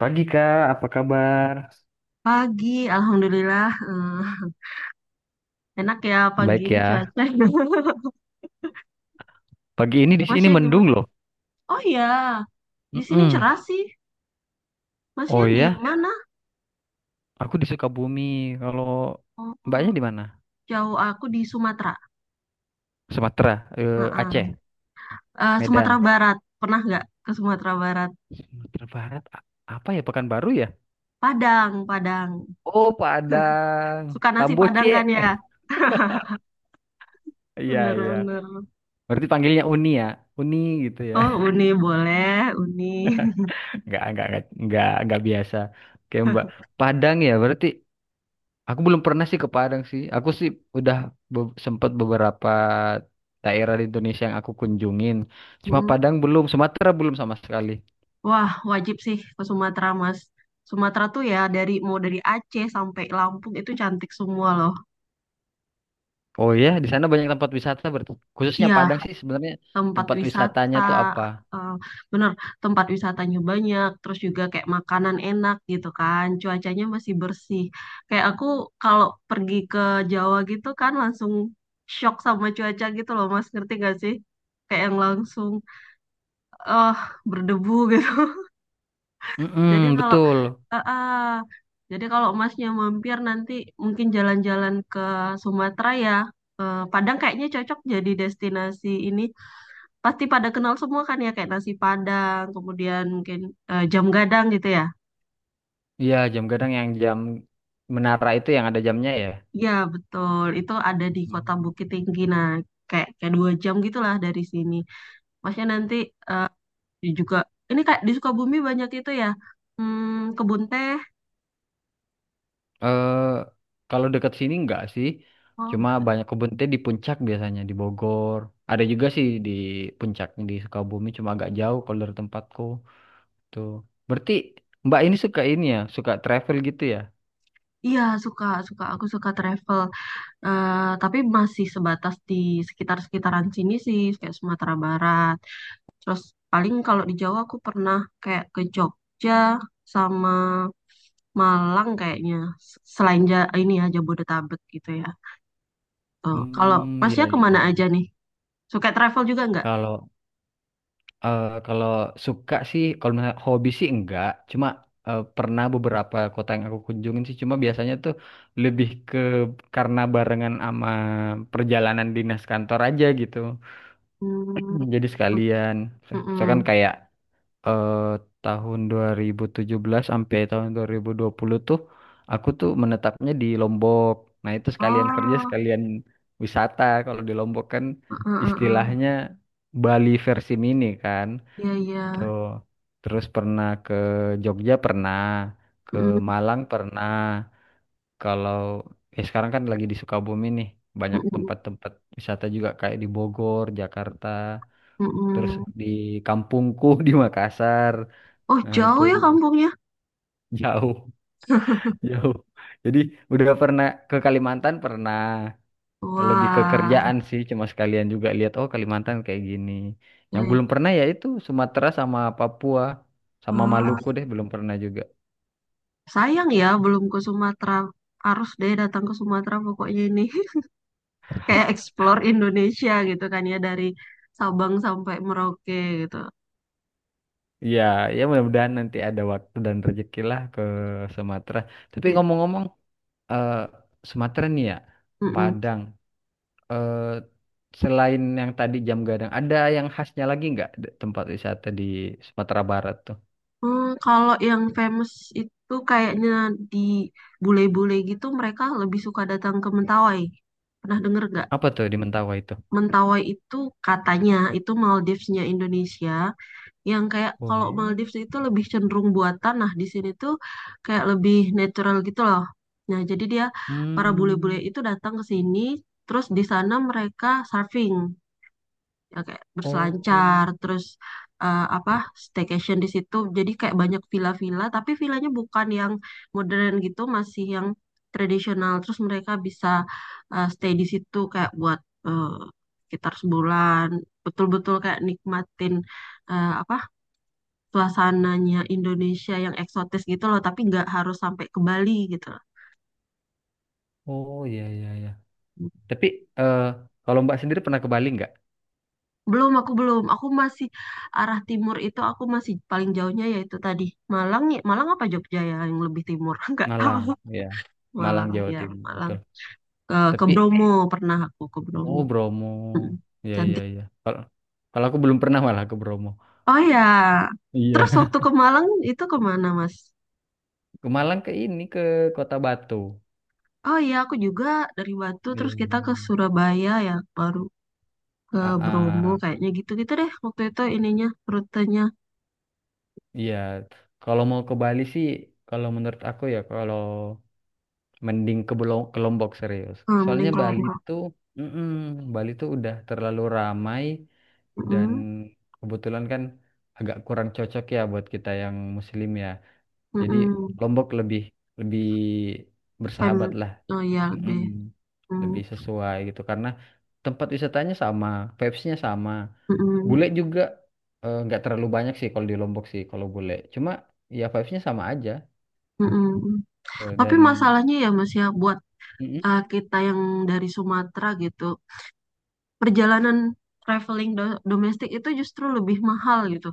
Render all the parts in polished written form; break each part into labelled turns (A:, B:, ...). A: Pagi Kak, apa kabar?
B: Pagi, alhamdulillah. Enak ya pagi
A: Baik
B: ini
A: ya.
B: cuaca.
A: Pagi ini di sini
B: Masnya gimana?
A: mendung loh.
B: Oh iya, di sini
A: Mm-mm.
B: cerah sih. Masnya
A: Oh
B: di
A: ya,
B: mana?
A: aku di Sukabumi. Kalau
B: Oh,
A: Mbaknya di mana?
B: jauh aku di Sumatera.
A: Sumatera,
B: Heeh.
A: Aceh,
B: Eh, Sumatera
A: Medan.
B: Barat. Pernah nggak ke Sumatera Barat?
A: Sumatera Barat, apa ya Pekanbaru ya?
B: Padang, Padang.
A: Oh, Padang,
B: Suka nasi Padang kan
A: Tamboce.
B: ya?
A: Iya, iya.
B: Bener-bener.
A: Berarti panggilnya Uni ya. Uni gitu ya.
B: Oh, Uni boleh, Uni.
A: Enggak biasa. Kayak Mbak. Padang ya, berarti aku belum pernah sih ke Padang sih. Aku sih udah sempet beberapa daerah di Indonesia yang aku kunjungin. Cuma
B: Mm.
A: Padang belum, Sumatera belum sama sekali.
B: Wah, wajib sih ke Sumatera, Mas. Sumatera tuh ya dari mau dari Aceh sampai Lampung itu cantik semua loh.
A: Oh ya, di sana banyak tempat wisata berarti. Khususnya
B: Iya,
A: Padang sih sebenarnya
B: tempat
A: tempat
B: wisata,
A: wisatanya tuh apa?
B: eh, bener, tempat wisatanya banyak, terus juga kayak makanan enak gitu kan, cuacanya masih bersih. Kayak aku kalau pergi ke Jawa gitu kan langsung shock sama cuaca gitu loh Mas, ngerti gak sih, kayak yang langsung eh berdebu gitu. Jadi
A: Mm-mm,
B: kalau
A: betul.
B: eh, eh, jadi kalau Masnya mampir nanti mungkin jalan-jalan ke Sumatera ya, Padang kayaknya cocok jadi destinasi ini. Pasti pada kenal semua kan ya, kayak nasi Padang, kemudian mungkin jam gadang gitu ya.
A: Iya, jam gadang yang jam menara itu yang ada jamnya ya.
B: Iya betul, itu ada di Kota
A: Hmm.
B: Bukit Tinggi. Nah, kayak kayak 2 jam gitulah dari sini. Masnya nanti eh, juga ini kayak di Sukabumi banyak itu ya. Hmm, kebun teh.
A: Eh, Kalau dekat sini enggak sih.
B: Oh,
A: Cuma
B: enggak.
A: banyak kebun teh di puncak biasanya di Bogor. Ada juga sih di puncak di Sukabumi cuma agak jauh kalau dari tempatku. Tuh. Berarti Mbak ini suka ini ya, suka travel gitu ya?
B: Iya, suka, suka, aku suka travel. Eh, tapi masih sebatas di sekitar-sekitaran sini sih, kayak Sumatera Barat. Terus paling kalau di Jawa aku pernah kayak ke Jogja sama Malang kayaknya. Selain ini ya Jabodetabek gitu ya. Oh, kalau
A: Hmm, iya
B: Masnya
A: iya.
B: kemana aja nih? Suka travel juga nggak?
A: Kalau kalau suka sih, kalau misalnya hobi sih enggak. Cuma pernah beberapa kota yang aku kunjungin sih. Cuma biasanya tuh lebih ke karena barengan sama perjalanan dinas kantor aja gitu.
B: Hmm,
A: Hmm, jadi sekalian, misalkan
B: mm-mm.
A: kayak eh, tahun 2017 sampai tahun 2020 tuh aku tuh menetapnya di Lombok. Nah, itu sekalian kerja,
B: Oh,
A: sekalian wisata. Kalau di Lombok kan
B: heeh, heeh.
A: istilahnya Bali versi mini kan.
B: Iya iya.
A: Itu terus pernah ke Jogja pernah, ke Malang pernah. Kalau sekarang kan lagi di Sukabumi nih, banyak
B: Mm-mm,
A: tempat-tempat wisata juga kayak di Bogor, Jakarta, terus
B: mm-mm.
A: di kampungku di Makassar,
B: Oh,
A: nah itu
B: jauh ya
A: juga
B: kampungnya?
A: jauh, jauh, jadi udah pernah ke Kalimantan pernah, lebih ke
B: Wah,
A: kerjaan sih cuma sekalian juga lihat oh Kalimantan kayak gini. Yang
B: baik.
A: belum pernah ya itu Sumatera sama Papua sama
B: Ah,
A: Maluku deh belum pernah juga.
B: sayang ya belum ke Sumatera. Harus deh datang ke Sumatera pokoknya ini. Kayak explore Indonesia gitu kan ya, dari Sabang sampai Merauke gitu.
A: Ya, ya mudah-mudahan nanti ada waktu dan rezeki lah ke Sumatera. Tapi ngomong-ngomong, eh Sumatera nih ya,
B: Iya.
A: Padang. eh, Selain yang tadi jam gadang, ada yang khasnya lagi nggak tempat wisata di Sumatera Barat tuh?
B: Hmm, kalau yang famous itu kayaknya di bule-bule gitu, mereka lebih suka datang ke Mentawai. Pernah denger gak?
A: Apa tuh di Mentawai itu?
B: Mentawai itu katanya itu Maldivesnya Indonesia. Yang kayak
A: Oh
B: kalau
A: iya.
B: Maldives itu lebih cenderung buatan. Nah di sini tuh kayak lebih natural gitu loh. Nah jadi dia, para bule-bule
A: Hmm,
B: itu datang ke sini. Terus di sana mereka surfing, ya kayak
A: oh,
B: berselancar, terus eh, apa staycation di situ, jadi kayak banyak villa-villa tapi villanya bukan yang modern gitu, masih yang tradisional. Terus mereka bisa stay di situ kayak buat eh, sekitar sebulan, betul-betul kayak nikmatin eh, apa suasananya Indonesia yang eksotis gitu loh, tapi nggak harus sampai ke Bali gitu loh.
A: oh iya iya iya. Tapi eh, kalau Mbak sendiri pernah ke Bali nggak?
B: Belum, aku belum. Aku masih arah timur itu, aku masih paling jauhnya yaitu tadi Malang ya. Malang apa Jogja ya yang lebih timur? Enggak
A: Malang,
B: tahu.
A: ya. Malang
B: Malang
A: Jawa
B: ya,
A: Timur,
B: Malang.
A: betul.
B: Ke
A: Tapi
B: Bromo, pernah aku ke Bromo.
A: oh Bromo,
B: Mm,
A: iya iya
B: cantik.
A: iya. Kalau kalau aku belum pernah malah ke Bromo.
B: Oh ya. Terus
A: Iya.
B: waktu ke Malang itu kemana Mas?
A: Ke Malang ke ini ke Kota Batu.
B: Oh iya, aku juga dari Batu,
A: Iya, iya,
B: terus kita ke
A: iya.
B: Surabaya ya, baru ke
A: Ah,
B: Bromo
A: ah.
B: kayaknya. Gitu-gitu deh waktu itu ininya, rutenya.
A: Iya, kalau mau ke Bali sih, kalau menurut aku ya, kalau mending ke ke Lombok serius.
B: Hmm, mending
A: Soalnya
B: kalau
A: Bali tuh, mm-mm, Bali tuh udah terlalu ramai
B: Mm
A: dan
B: -mm.
A: kebetulan kan agak kurang cocok ya buat kita yang Muslim ya.
B: Mm
A: Jadi
B: -mm.
A: Lombok lebih lebih bersahabat
B: Pem-
A: lah.
B: Oh iya lebih.
A: Mm-mm,
B: Hmm.
A: lebih sesuai gitu karena tempat wisatanya sama, vibes-nya sama.
B: Mm-mm,
A: Bule juga nggak terlalu banyak sih kalau di Lombok sih kalau bule. Cuma ya vibes-nya sama aja.
B: mm-mm.
A: Eh,
B: Tapi
A: dan
B: masalahnya ya Mas ya, buat
A: mm-mm.
B: kita yang dari Sumatera gitu, perjalanan traveling domestik itu justru lebih mahal gitu.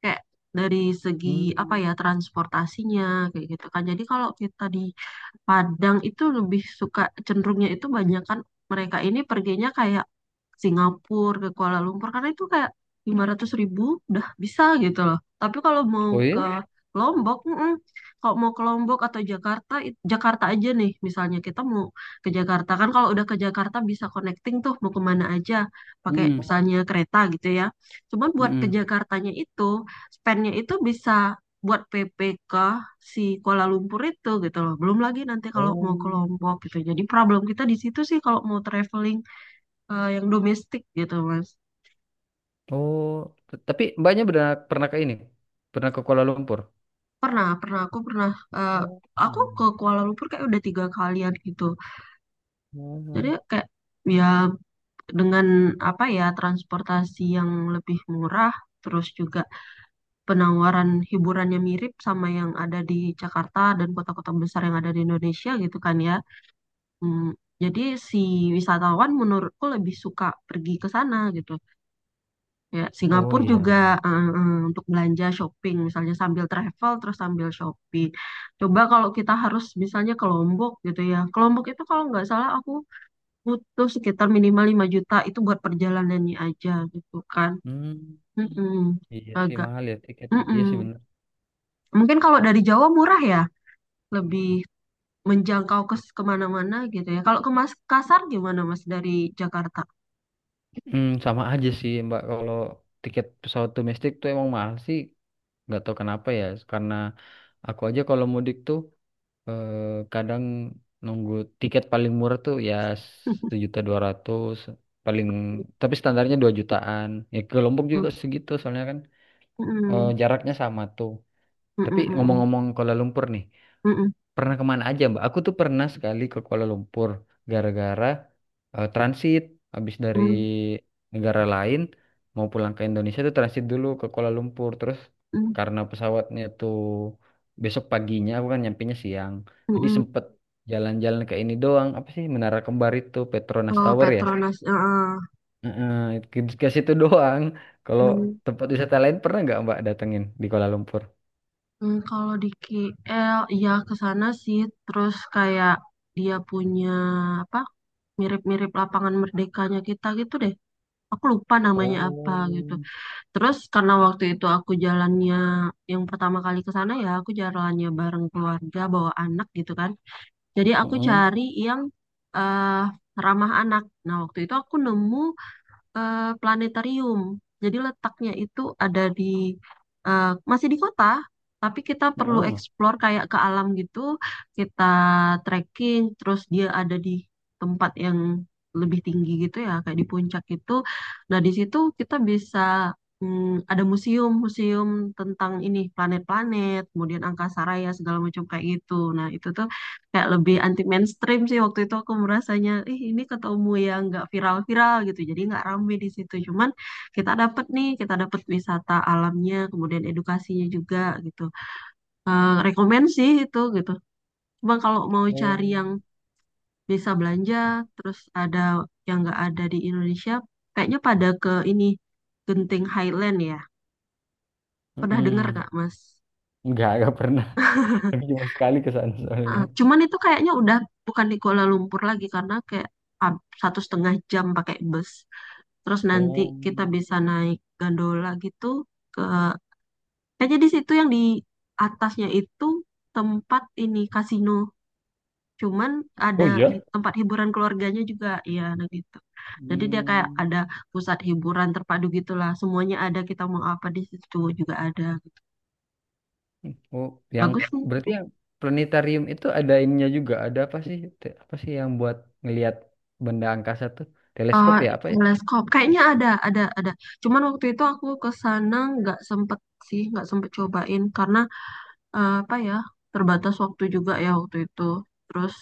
B: Kayak dari segi apa
A: Hmm.
B: ya, transportasinya kayak gitu kan. Jadi kalau kita di Padang itu lebih suka, cenderungnya itu banyak kan, mereka ini perginya kayak Singapura, ke Kuala Lumpur, karena itu kayak 500 ribu udah bisa gitu loh. Tapi kalau mau
A: Oh
B: ke
A: iya?
B: Ya. Lombok, mm-mm. Kalau mau ke Lombok atau Jakarta, Jakarta aja nih misalnya, kita mau ke Jakarta kan, kalau udah ke Jakarta bisa connecting tuh mau kemana aja pakai
A: Mm-mm.
B: misalnya kereta gitu ya. Cuman buat ke
A: Mm-mm.
B: Jakartanya itu spendnya itu bisa buat PP si Kuala Lumpur itu gitu loh. Belum lagi nanti kalau mau ke
A: Oh,
B: Lombok gitu. Jadi problem kita di situ sih kalau mau traveling yang domestik gitu Mas.
A: oh. Tapi mbaknya pernah pernah ke ini, pernah ke Kuala Lumpur.
B: Pernah, pernah, aku pernah eh,
A: Oh,
B: aku ke
A: iya.
B: Kuala Lumpur kayak udah tiga kalian gitu. Jadi
A: Oh.
B: kayak ya, dengan apa ya, transportasi yang lebih murah, terus juga penawaran hiburannya mirip sama yang ada di Jakarta dan kota-kota besar yang ada di Indonesia gitu kan ya. Hmm, jadi si wisatawan menurutku lebih suka pergi ke sana gitu. Ya,
A: Oh
B: Singapura
A: iya,
B: juga
A: iya.
B: untuk belanja shopping, misalnya sambil travel terus sambil shopping. Coba kalau kita harus misalnya ke Lombok gitu ya. Ke Lombok itu kalau nggak salah aku butuh sekitar minimal 5 juta itu buat perjalanannya aja gitu kan.
A: Hmm.
B: Mm-mm,
A: Iya sih
B: agak.
A: mahal ya tiketnya. Iya
B: Mm-mm.
A: sih bener.
B: Mungkin kalau dari Jawa murah ya, lebih menjangkau ke kemana-mana gitu ya. Kalau ke Mas Kasar gimana Mas, dari Jakarta?
A: Hmm, sama aja sih Mbak. Kalau tiket pesawat domestik tuh emang mahal sih. Nggak tahu kenapa ya. Karena aku aja kalau mudik tuh eh, kadang nunggu tiket paling murah tuh ya 1.200.000 paling, tapi standarnya 2 jutaan, ya ke Lombok juga segitu soalnya kan
B: Mm-mm.
A: jaraknya sama tuh. Tapi
B: Mm-mm, mm-mm,
A: ngomong-ngomong Kuala Lumpur nih,
B: mm-mm,
A: pernah kemana aja, Mbak? Aku tuh pernah sekali ke Kuala Lumpur gara-gara transit. Habis dari
B: mm-mm,
A: negara lain mau pulang ke Indonesia tuh transit dulu ke Kuala Lumpur. Terus karena pesawatnya tuh besok paginya, aku kan nyampainya siang. Jadi
B: mm-mm.
A: sempet jalan-jalan ke ini doang. Apa sih Menara Kembar itu, Petronas
B: Oh,
A: Tower ya?
B: Petronas. Heeh.
A: Heeh, ke situ doang. Kalau
B: Mm,
A: tempat wisata lain pernah nggak Mbak datengin di Kuala Lumpur?
B: mm, kalau di KL, ya ke sana sih. Terus kayak dia punya apa? Mirip-mirip lapangan merdekanya kita gitu deh. Aku lupa namanya apa
A: Oh,
B: gitu. Terus karena waktu itu aku jalannya yang pertama kali ke sana ya, aku jalannya bareng keluarga bawa anak gitu kan. Jadi aku
A: heeh,
B: cari yang eh ramah anak. Nah, waktu itu aku nemu planetarium. Jadi letaknya itu ada di eh, masih di kota, tapi kita perlu
A: heeh.
B: explore kayak ke alam gitu. Kita trekking, terus dia ada di tempat yang lebih tinggi gitu ya, kayak di puncak itu. Nah, di situ kita bisa ada museum-museum tentang ini planet-planet, kemudian angkasa raya segala macam kayak gitu. Nah, itu tuh kayak lebih anti mainstream sih, waktu itu aku merasanya ih ini ketemu yang nggak viral-viral gitu, jadi nggak rame di situ. Cuman kita dapet nih, kita dapet wisata alamnya, kemudian edukasinya juga gitu. Eh, rekomen sih itu gitu, cuma kalau mau
A: Oh.
B: cari yang bisa belanja terus ada yang nggak ada di Indonesia, kayaknya pada ke ini Genting Highland ya, pernah dengar
A: Mm-mm.
B: nggak Mas?
A: Nggak pernah. Tapi cuma sekali ke sana soalnya.
B: Heeh. Cuman itu kayaknya udah bukan di Kuala Lumpur lagi, karena kayak 1,5 jam pakai bus. Terus nanti
A: Oh,
B: kita bisa naik gondola gitu ke jadi situ yang di atasnya itu tempat ini kasino. Cuman ada
A: oh iya.
B: tempat hiburan keluarganya juga, ya, nah gitu. Jadi dia kayak
A: Hmm.
B: ada pusat hiburan terpadu gitulah. Semuanya ada, kita mau apa di situ juga ada.
A: Oh, yang
B: Bagus sih.
A: berarti yang planetarium itu ada ininya juga. Ada apa sih? Apa sih yang buat ngelihat benda angkasa tuh? Teleskop
B: Eh,
A: ya apa ya?
B: teleskop kayaknya ada, ada. Cuman waktu itu aku ke sana nggak sempet sih, nggak sempet cobain karena eh, apa ya terbatas waktu juga ya waktu itu. Terus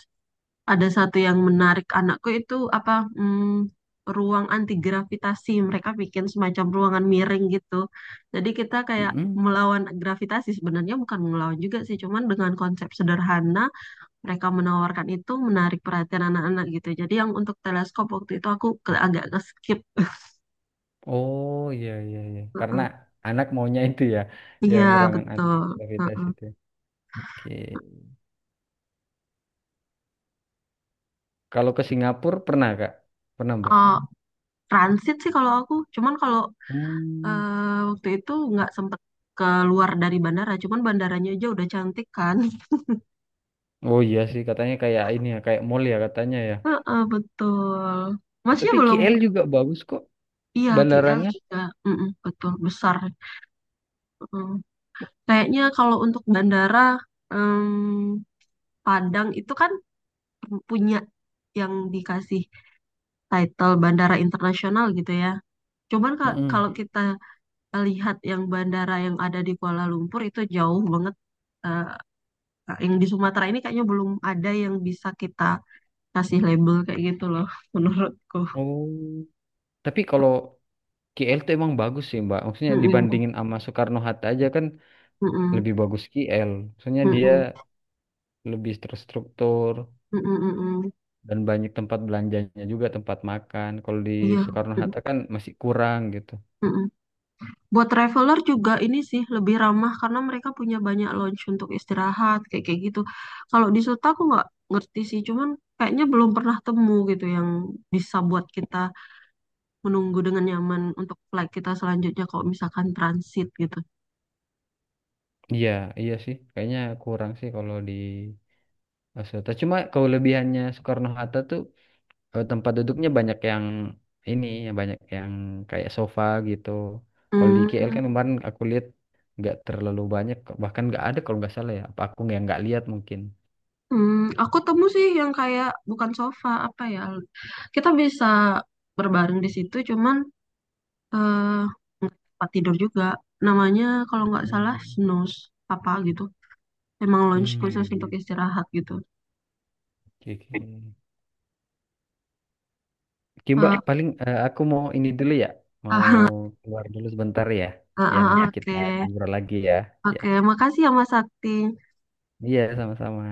B: ada satu yang menarik anakku itu apa, mm, ruang anti gravitasi. Mereka bikin semacam ruangan miring gitu. Jadi kita kayak
A: Mm-mm.
B: melawan gravitasi, sebenarnya bukan melawan juga sih, cuman dengan konsep sederhana mereka menawarkan itu, menarik perhatian anak-anak gitu. Jadi yang untuk teleskop waktu itu aku agak nge-skip.
A: Oh iya iya iya. Karena
B: Heeh.
A: anak maunya itu ya,
B: Iya,
A: yang ruangan anti
B: betul.
A: gravitasi
B: Heeh.
A: itu. Oke. Kalau ke Singapura pernah Kak? Pernah Mbak?
B: Oh, transit sih kalau aku, cuman kalau
A: Hmm.
B: waktu itu nggak sempet keluar dari bandara, cuman bandaranya aja udah cantik kan.
A: Oh iya sih katanya kayak ini ya, kayak mall ya katanya ya.
B: Heeh, betul. Masnya
A: Tapi
B: belum,
A: KL juga bagus kok
B: iya KL
A: bandaranya.
B: juga, mm-mm, betul besar. Mm. Kayaknya kalau untuk bandara em, Padang itu kan punya yang dikasih title bandara internasional gitu ya. Cuman kalau
A: Mm-mm.
B: kita lihat yang bandara yang ada di Kuala Lumpur itu jauh banget. eh, yang di Sumatera ini kayaknya belum ada yang bisa kita kasih label kayak gitu loh, menurutku.
A: Oh. Tapi kalau KL tuh emang bagus sih Mbak. Maksudnya
B: Mm-mm,
A: dibandingin sama Soekarno-Hatta aja kan
B: mm-mm,
A: lebih bagus KL. Maksudnya dia
B: mm-mm,
A: lebih terstruktur
B: mm-mm, mm-mm.
A: dan banyak tempat belanjanya juga tempat makan. Kalau di
B: Iya. Mm,
A: Soekarno-Hatta kan masih kurang gitu.
B: mm-mm. Buat traveler juga ini sih lebih ramah karena mereka punya banyak lounge untuk istirahat kayak kayak gitu. Kalau di Suta aku nggak ngerti sih, cuman kayaknya belum pernah temu gitu yang bisa buat kita menunggu dengan nyaman untuk flight kita selanjutnya kalau misalkan transit gitu.
A: Iya, iya sih. Kayaknya kurang sih kalau di Soekarno-Hatta. Cuma kelebihannya Soekarno-Hatta tuh tempat duduknya banyak yang ini, yang banyak yang kayak sofa gitu. Kalau di KL
B: Hmm,
A: kan kemarin aku lihat nggak terlalu banyak, bahkan nggak ada kalau nggak salah ya. Apa aku yang nggak lihat mungkin.
B: hmm, aku temu sih yang kayak bukan sofa apa ya? Kita bisa berbaring di situ, cuman eh tempat tidur juga. Namanya kalau nggak salah
A: Hmm,
B: snooze apa gitu. Emang lunch
A: hmm,
B: khusus
A: ya.
B: untuk istirahat gitu.
A: Oke, oke. Oke Mbak,
B: Ah,
A: paling aku mau ini dulu ya, mau
B: ah,
A: keluar dulu sebentar ya.
B: ah,
A: Ya nanti
B: ah,
A: kita
B: oke.
A: ngobrol lagi ya. Ya,
B: Oke, makasih ya Mas Sakti.
A: iya sama-sama.